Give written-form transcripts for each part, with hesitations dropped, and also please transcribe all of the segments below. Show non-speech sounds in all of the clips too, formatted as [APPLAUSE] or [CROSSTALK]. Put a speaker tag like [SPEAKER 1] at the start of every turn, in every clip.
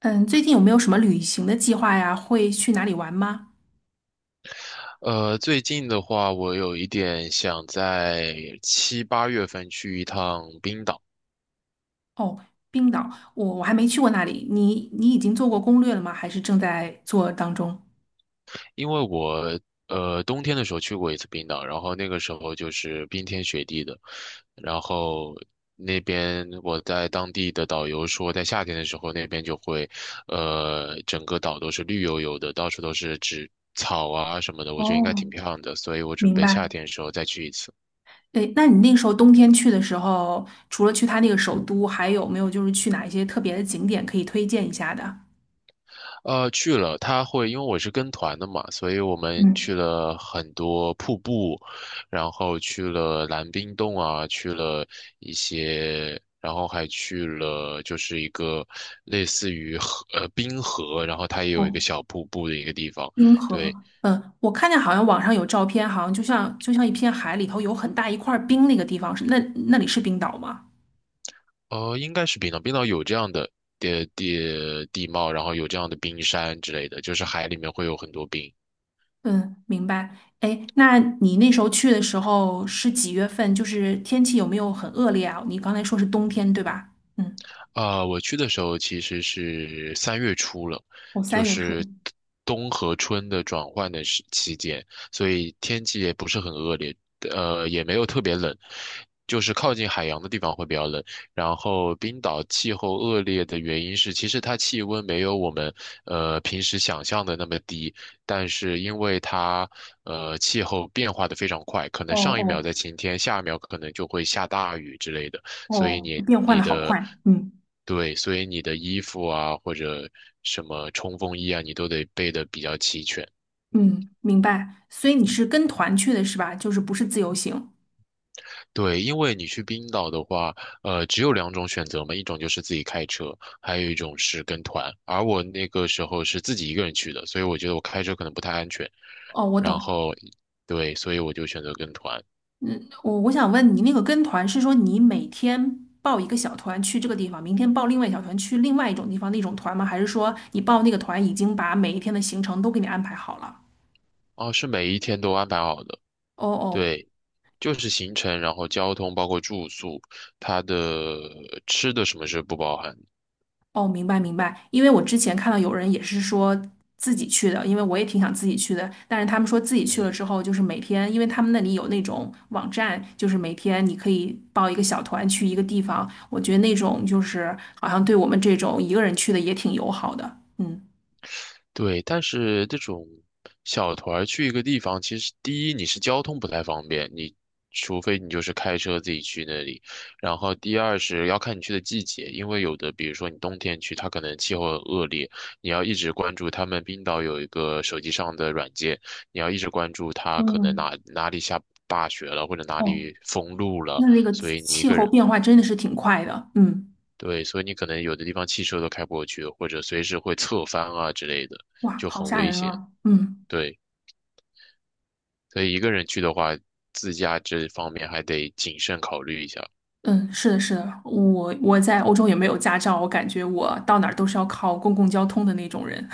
[SPEAKER 1] 嗯，最近有没有什么旅行的计划呀？会去哪里玩吗？
[SPEAKER 2] 最近的话，我有一点想在七八月份去一趟冰岛，
[SPEAKER 1] 哦，冰岛，我还没去过那里。你已经做过攻略了吗？还是正在做当中？
[SPEAKER 2] 因为我冬天的时候去过一次冰岛，然后那个时候就是冰天雪地的，然后那边我在当地的导游说，在夏天的时候那边就会，整个岛都是绿油油的，到处都是植草啊什么的，我觉得应该挺
[SPEAKER 1] 哦，
[SPEAKER 2] 漂亮的，所以我准
[SPEAKER 1] 明
[SPEAKER 2] 备
[SPEAKER 1] 白。
[SPEAKER 2] 夏天的时候再去一次。
[SPEAKER 1] 诶，那你那时候冬天去的时候，除了去它那个首都，还有没有就是去哪一些特别的景点可以推荐一下的？
[SPEAKER 2] 去了，他会，因为我是跟团的嘛，所以我们
[SPEAKER 1] 嗯，
[SPEAKER 2] 去了很多瀑布，然后去了蓝冰洞啊，去了一些，然后还去了就是一个类似于河，冰河，然后它也有一个
[SPEAKER 1] 哦，
[SPEAKER 2] 小瀑布的一个地方，
[SPEAKER 1] 冰
[SPEAKER 2] 对，
[SPEAKER 1] 河。嗯，我看见好像网上有照片，好像就像一片海里头有很大一块冰那个地方，那里是冰岛吗？
[SPEAKER 2] 应该是冰岛，冰岛有这样的地貌，然后有这样的冰山之类的，就是海里面会有很多冰。
[SPEAKER 1] 嗯，明白。哎，那你那时候去的时候是几月份？就是天气有没有很恶劣啊？你刚才说是冬天，对吧？嗯，
[SPEAKER 2] 我去的时候其实是三月初了，
[SPEAKER 1] 哦，三
[SPEAKER 2] 就
[SPEAKER 1] 月初。
[SPEAKER 2] 是冬和春的转换的时期间，所以天气也不是很恶劣，也没有特别冷，就是靠近海洋的地方会比较冷。然后冰岛气候恶劣的原因是，其实它气温没有我们平时想象的那么低，但是因为它气候变化的非常快，可
[SPEAKER 1] 哦
[SPEAKER 2] 能上一秒
[SPEAKER 1] 哦
[SPEAKER 2] 在晴天，下一秒可能就会下大雨之类的。所以
[SPEAKER 1] 哦，
[SPEAKER 2] 你
[SPEAKER 1] 变换
[SPEAKER 2] 你
[SPEAKER 1] 的好
[SPEAKER 2] 的
[SPEAKER 1] 快。嗯
[SPEAKER 2] 对，所以你的衣服啊或者什么冲锋衣啊，你都得备的比较齐全。
[SPEAKER 1] 嗯，明白。所以你是跟团去的是吧？就是不是自由行？
[SPEAKER 2] 对，因为你去冰岛的话，只有两种选择嘛，一种就是自己开车，还有一种是跟团。而我那个时候是自己一个人去的，所以我觉得我开车可能不太安全。
[SPEAKER 1] 哦，我
[SPEAKER 2] 然
[SPEAKER 1] 懂。
[SPEAKER 2] 后，对，所以我就选择跟团。
[SPEAKER 1] 嗯，我想问你，那个跟团是说你每天报一个小团去这个地方，明天报另外一小团去另外一种地方那种团吗？还是说你报那个团已经把每一天的行程都给你安排好了？
[SPEAKER 2] 哦，是每一天都安排好的，
[SPEAKER 1] 哦哦，
[SPEAKER 2] 对，就是行程，然后交通，包括住宿，它的吃的什么是不包含的。
[SPEAKER 1] 哦，明白明白，因为我之前看到有人也是说自己去的，因为我也挺想自己去的，但是他们说自己去了
[SPEAKER 2] 嗯，
[SPEAKER 1] 之后，就是每天，因为他们那里有那种网站，就是每天你可以报一个小团去一个地方，我觉得那种就是好像对我们这种一个人去的也挺友好的，嗯，
[SPEAKER 2] 对，但是这种小团儿去一个地方，其实第一你是交通不太方便，你除非你就是开车自己去那里，然后第二是要看你去的季节，因为有的比如说你冬天去，它可能气候很恶劣，你要一直关注他们冰岛有一个手机上的软件，你要一直关注它可能
[SPEAKER 1] 嗯，
[SPEAKER 2] 哪里下大雪了，或者哪
[SPEAKER 1] 哦，
[SPEAKER 2] 里封路了，
[SPEAKER 1] 那个
[SPEAKER 2] 所以你一
[SPEAKER 1] 气
[SPEAKER 2] 个
[SPEAKER 1] 候
[SPEAKER 2] 人，
[SPEAKER 1] 变化真的是挺快的，嗯，
[SPEAKER 2] 对，所以你可能有的地方汽车都开不过去，或者随时会侧翻啊之类的，
[SPEAKER 1] 哇，
[SPEAKER 2] 就
[SPEAKER 1] 好
[SPEAKER 2] 很
[SPEAKER 1] 吓
[SPEAKER 2] 危
[SPEAKER 1] 人
[SPEAKER 2] 险。
[SPEAKER 1] 啊，嗯。
[SPEAKER 2] 对，所以一个人去的话，自驾这方面还得谨慎考虑一下。
[SPEAKER 1] 嗯，是的，是的，我在欧洲也没有驾照，我感觉我到哪儿都是要靠公共交通的那种人。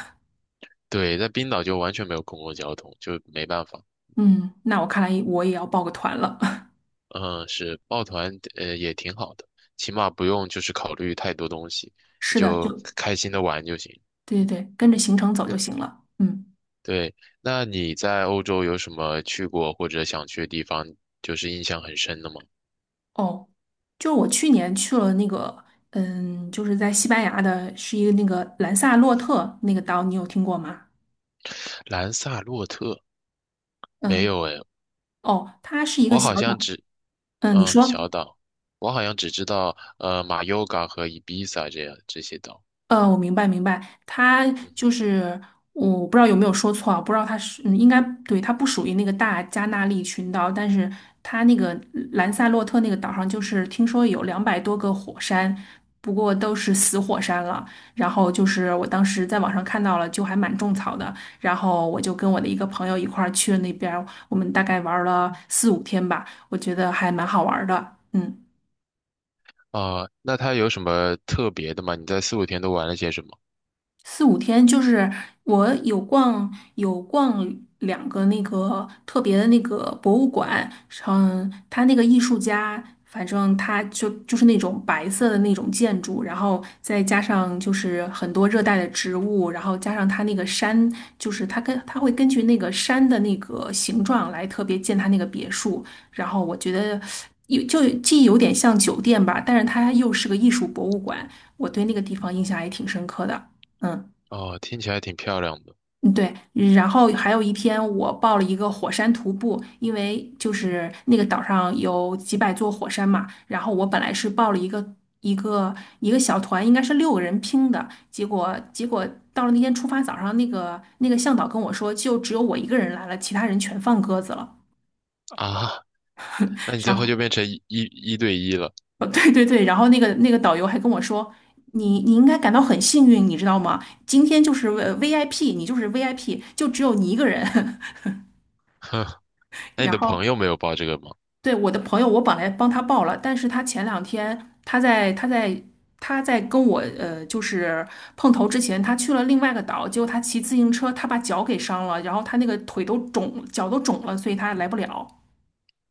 [SPEAKER 2] 对，在冰岛就完全没有公共交通，就没办法。
[SPEAKER 1] 嗯，那我看来我也要报个团了。[LAUGHS]
[SPEAKER 2] 嗯，是抱团，也挺好的，起码不用就是考虑太多东西，你
[SPEAKER 1] 是的，
[SPEAKER 2] 就
[SPEAKER 1] 就
[SPEAKER 2] 开心的玩就行。
[SPEAKER 1] 对对对，跟着行程走就行了。嗯，
[SPEAKER 2] 对，那你在欧洲有什么去过或者想去的地方，就是印象很深的吗？
[SPEAKER 1] 哦，就是我去年去了那个，嗯，就是在西班牙的，是一个那个兰萨洛特那个岛，你有听过吗？
[SPEAKER 2] [LAUGHS] 兰萨洛特没有
[SPEAKER 1] 嗯，
[SPEAKER 2] 诶，
[SPEAKER 1] 哦，它是一个
[SPEAKER 2] 我
[SPEAKER 1] 小
[SPEAKER 2] 好像
[SPEAKER 1] 岛。
[SPEAKER 2] 只
[SPEAKER 1] 嗯，你
[SPEAKER 2] 嗯，小
[SPEAKER 1] 说。
[SPEAKER 2] 岛，我好像只知道马尤嘎和伊比萨这样这些岛。
[SPEAKER 1] 我明白明白，它
[SPEAKER 2] 嗯
[SPEAKER 1] 就
[SPEAKER 2] 哼，
[SPEAKER 1] 是我不知道有没有说错啊，不知道它是应该对，它不属于那个大加纳利群岛，但是它那个兰萨洛特那个岛上，就是听说有200多个火山，不过都是死火山了。然后就是我当时在网上看到了，就还蛮种草的。然后我就跟我的一个朋友一块儿去了那边儿我们大概玩儿了四五天吧，我觉得还蛮好玩儿的。嗯。
[SPEAKER 2] 那它有什么特别的吗？你在四五天都玩了些什么？
[SPEAKER 1] 四五天，就是我有逛两个那个特别的那个博物馆，嗯，他那个艺术家，反正他就是那种白色的那种建筑，然后再加上就是很多热带的植物，然后加上他那个山，就是他会根据那个山的那个形状来特别建他那个别墅，然后我觉得。既有点像酒店吧，但是它又是个艺术博物馆，我对那个地方印象还挺深刻的。嗯。
[SPEAKER 2] 哦，听起来挺漂亮的
[SPEAKER 1] 嗯对，然后还有一天我报了一个火山徒步，因为就是那个岛上有几百座火山嘛，然后我本来是报了一个小团，应该是六个人拼的，结果到了那天出发早上，那个向导跟我说，就只有我一个人来了，其他人全放鸽子了。
[SPEAKER 2] 啊。那你最
[SPEAKER 1] 然
[SPEAKER 2] 后
[SPEAKER 1] 后，
[SPEAKER 2] 就变成一对一了，
[SPEAKER 1] 哦对对对，然后那个导游还跟我说，你应该感到很幸运，你知道吗？今天就是VIP，你就是 VIP，就只有你一个人。[LAUGHS]
[SPEAKER 2] [LAUGHS] 哼。那你
[SPEAKER 1] 然
[SPEAKER 2] 的朋
[SPEAKER 1] 后。
[SPEAKER 2] 友没有报这个吗？
[SPEAKER 1] 对，我的朋友，我本来帮他报了，但是他前两天他在跟我就是碰头之前，他去了另外一个岛，结果他骑自行车，他把脚给伤了，然后他那个腿都肿，脚都肿了，所以他来不了。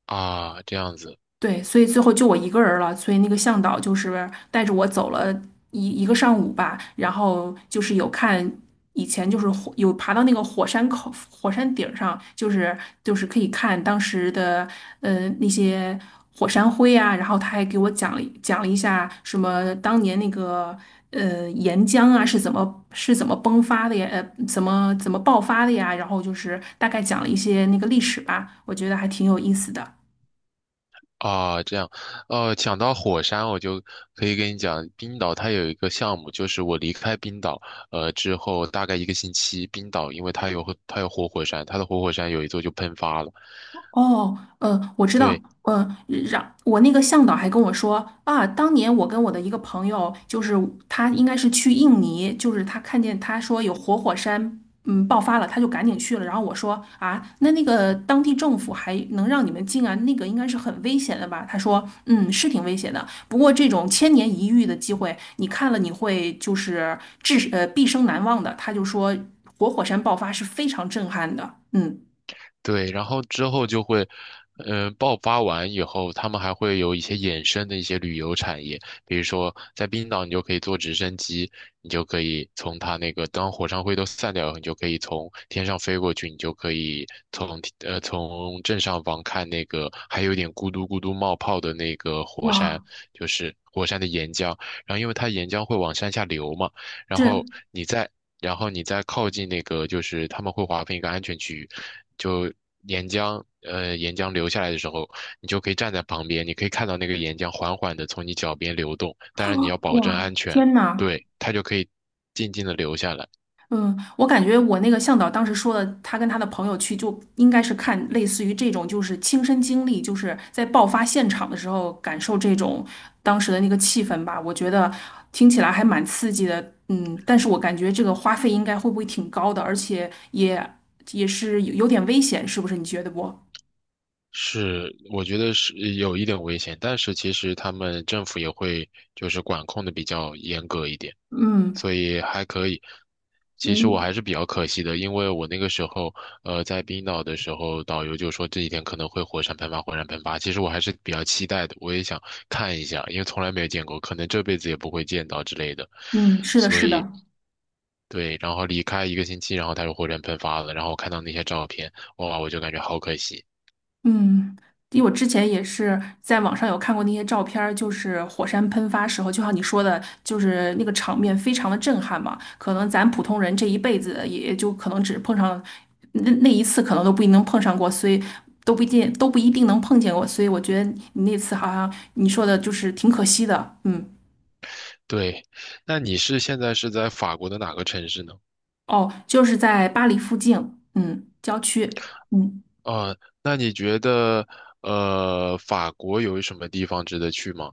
[SPEAKER 2] 啊，这样子，
[SPEAKER 1] 对，所以最后就我一个人了，所以那个向导就是带着我走了一个上午吧，然后就是有看以前就是火有爬到那个火山口火山顶儿上，就是可以看当时的那些火山灰啊，然后他还给我讲了一下什么当年那个岩浆啊是怎么崩发的呀，怎么爆发的呀，然后就是大概讲了一些那个历史吧，我觉得还挺有意思的。
[SPEAKER 2] 啊，这样，讲到火山，我就可以跟你讲，冰岛它有一个项目，就是我离开冰岛，之后大概一个星期，冰岛因为它有活火山，它的活火山有一座就喷发了，
[SPEAKER 1] 哦，我知道，
[SPEAKER 2] 对。
[SPEAKER 1] 让我那个向导还跟我说啊，当年我跟我的一个朋友，就是他应该是去印尼，就是他看见他说有活火山，爆发了，他就赶紧去了。然后我说啊，那个当地政府还能让你们进啊？那个应该是很危险的吧？他说，嗯，是挺危险的，不过这种千年一遇的机会，你看了你会就是毕生难忘的。他就说活火山爆发是非常震撼的，嗯，
[SPEAKER 2] 对，然后之后就会，爆发完以后，他们还会有一些衍生的一些旅游产业，比如说在冰岛，你就可以坐直升机，你就可以从它那个当火山灰都散掉以后你就可以从天上飞过去，你就可以从正上方看那个还有点咕嘟咕嘟冒泡的那个火山，
[SPEAKER 1] 哇。
[SPEAKER 2] 就是火山的岩浆，然后因为它岩浆会往山下流嘛，然后
[SPEAKER 1] 这。
[SPEAKER 2] 你在然后你再靠近那个，就是他们会划分一个安全区域，就岩浆，岩浆流下来的时候，你就可以站在旁边，你可以看到那个岩浆缓缓的从你脚边流动，当然你要保证安
[SPEAKER 1] 哇，
[SPEAKER 2] 全，
[SPEAKER 1] 天呐！
[SPEAKER 2] 对，它就可以静静的流下来。
[SPEAKER 1] 嗯，我感觉我那个向导当时说的，他跟他的朋友去，就应该是看类似于这种，就是亲身经历，就是在爆发现场的时候感受这种当时的那个气氛吧。我觉得听起来还蛮刺激的，嗯，但是我感觉这个花费应该会不会挺高的，而且也也是有点危险，是不是？你觉得不？
[SPEAKER 2] 是，我觉得是有一点危险，但是其实他们政府也会就是管控的比较严格一点。
[SPEAKER 1] 嗯
[SPEAKER 2] 所以还可以。其实我
[SPEAKER 1] 嗯
[SPEAKER 2] 还是比较可惜的，因为我那个时候，在冰岛的时候，导游就说这几天可能会火山喷发，火山喷发。其实我还是比较期待的，我也想看一下，因为从来没有见过，可能这辈子也不会见到之类的。
[SPEAKER 1] 嗯，是的，
[SPEAKER 2] 所
[SPEAKER 1] 是
[SPEAKER 2] 以，
[SPEAKER 1] 的。
[SPEAKER 2] 对，然后离开一个星期，然后他就火山喷发了，然后我看到那些照片，哇，我就感觉好可惜。
[SPEAKER 1] 嗯，因为我之前也是在网上有看过那些照片儿，就是火山喷发时候，就像你说的，就是那个场面非常的震撼嘛。可能咱普通人这一辈子也就可能只碰上那一次，可能都不一定能碰上过，所以都不一定能碰见过。所以我觉得你那次好像你说的就是挺可惜的。嗯，
[SPEAKER 2] 对，那你是现在是在法国的哪个城市呢？
[SPEAKER 1] 哦，就是在巴黎附近，嗯，郊区。嗯。
[SPEAKER 2] 呃，那你觉得，法国有什么地方值得去吗？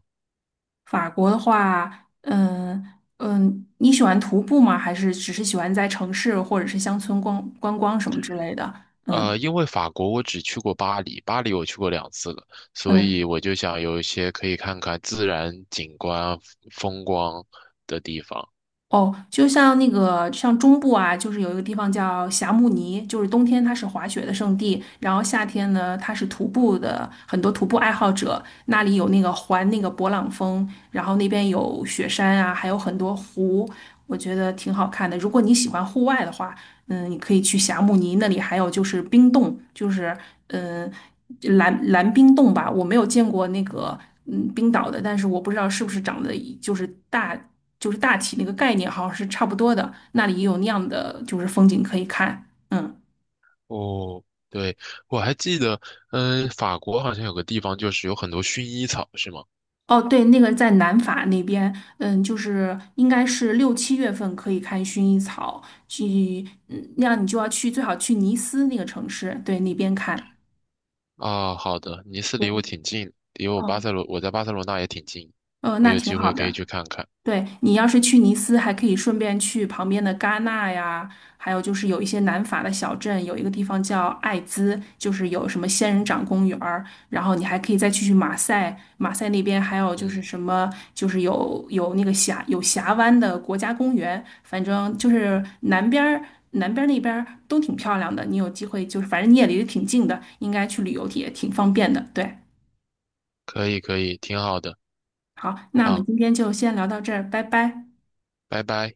[SPEAKER 1] 法国的话，嗯你喜欢徒步吗？还是只是喜欢在城市或者是乡村逛观光什么之类的？嗯
[SPEAKER 2] 因为法国我只去过巴黎，巴黎我去过两次了，所以
[SPEAKER 1] 嗯，
[SPEAKER 2] 我就想有一些可以看看自然景观、风光的地方。
[SPEAKER 1] 哦，就像那个像中部啊，就是有一个地方叫霞慕尼，就是冬天它是滑雪的圣地，然后夏天呢它是徒步的，很多徒步爱好者那里有那个环那个勃朗峰，然后那边有雪山啊，还有很多湖，我觉得挺好看的。如果你喜欢户外的话。嗯，你可以去霞慕尼那里，还有就是冰洞，就是嗯蓝冰洞吧。我没有见过那个冰岛的，但是我不知道是不是长得一就是大就是大体那个概念好像是差不多的。那里也有那样的就是风景可以看，嗯。
[SPEAKER 2] 哦，对，我还记得，法国好像有个地方就是有很多薰衣草，是吗？
[SPEAKER 1] 哦，对，那个在南法那边，嗯，就是应该是6、7月份可以看薰衣草，去，那样你就要去，最好去尼斯那个城市，对，那边看。
[SPEAKER 2] 啊，好的，尼斯离我
[SPEAKER 1] 对，
[SPEAKER 2] 挺近，离我巴
[SPEAKER 1] 哦，
[SPEAKER 2] 塞罗，我在巴塞罗那也挺近，我
[SPEAKER 1] 那
[SPEAKER 2] 有
[SPEAKER 1] 挺
[SPEAKER 2] 机
[SPEAKER 1] 好
[SPEAKER 2] 会可以
[SPEAKER 1] 的。
[SPEAKER 2] 去看看。
[SPEAKER 1] 对，你要是去尼斯，还可以顺便去旁边的戛纳呀，还有就是有一些南法的小镇，有一个地方叫艾兹，就是有什么仙人掌公园儿然后你还可以再去马赛，马赛那边还有就是
[SPEAKER 2] 嗯，
[SPEAKER 1] 什么，就是有那个峡湾的国家公园，反正就是南边儿那边儿都挺漂亮的，你有机会就是反正你也离得挺近的，应该去旅游也挺方便的。对，
[SPEAKER 2] 可以可以，挺好的，
[SPEAKER 1] 好，那我们
[SPEAKER 2] 好，
[SPEAKER 1] 今天就先聊到这儿，拜拜。
[SPEAKER 2] 拜拜。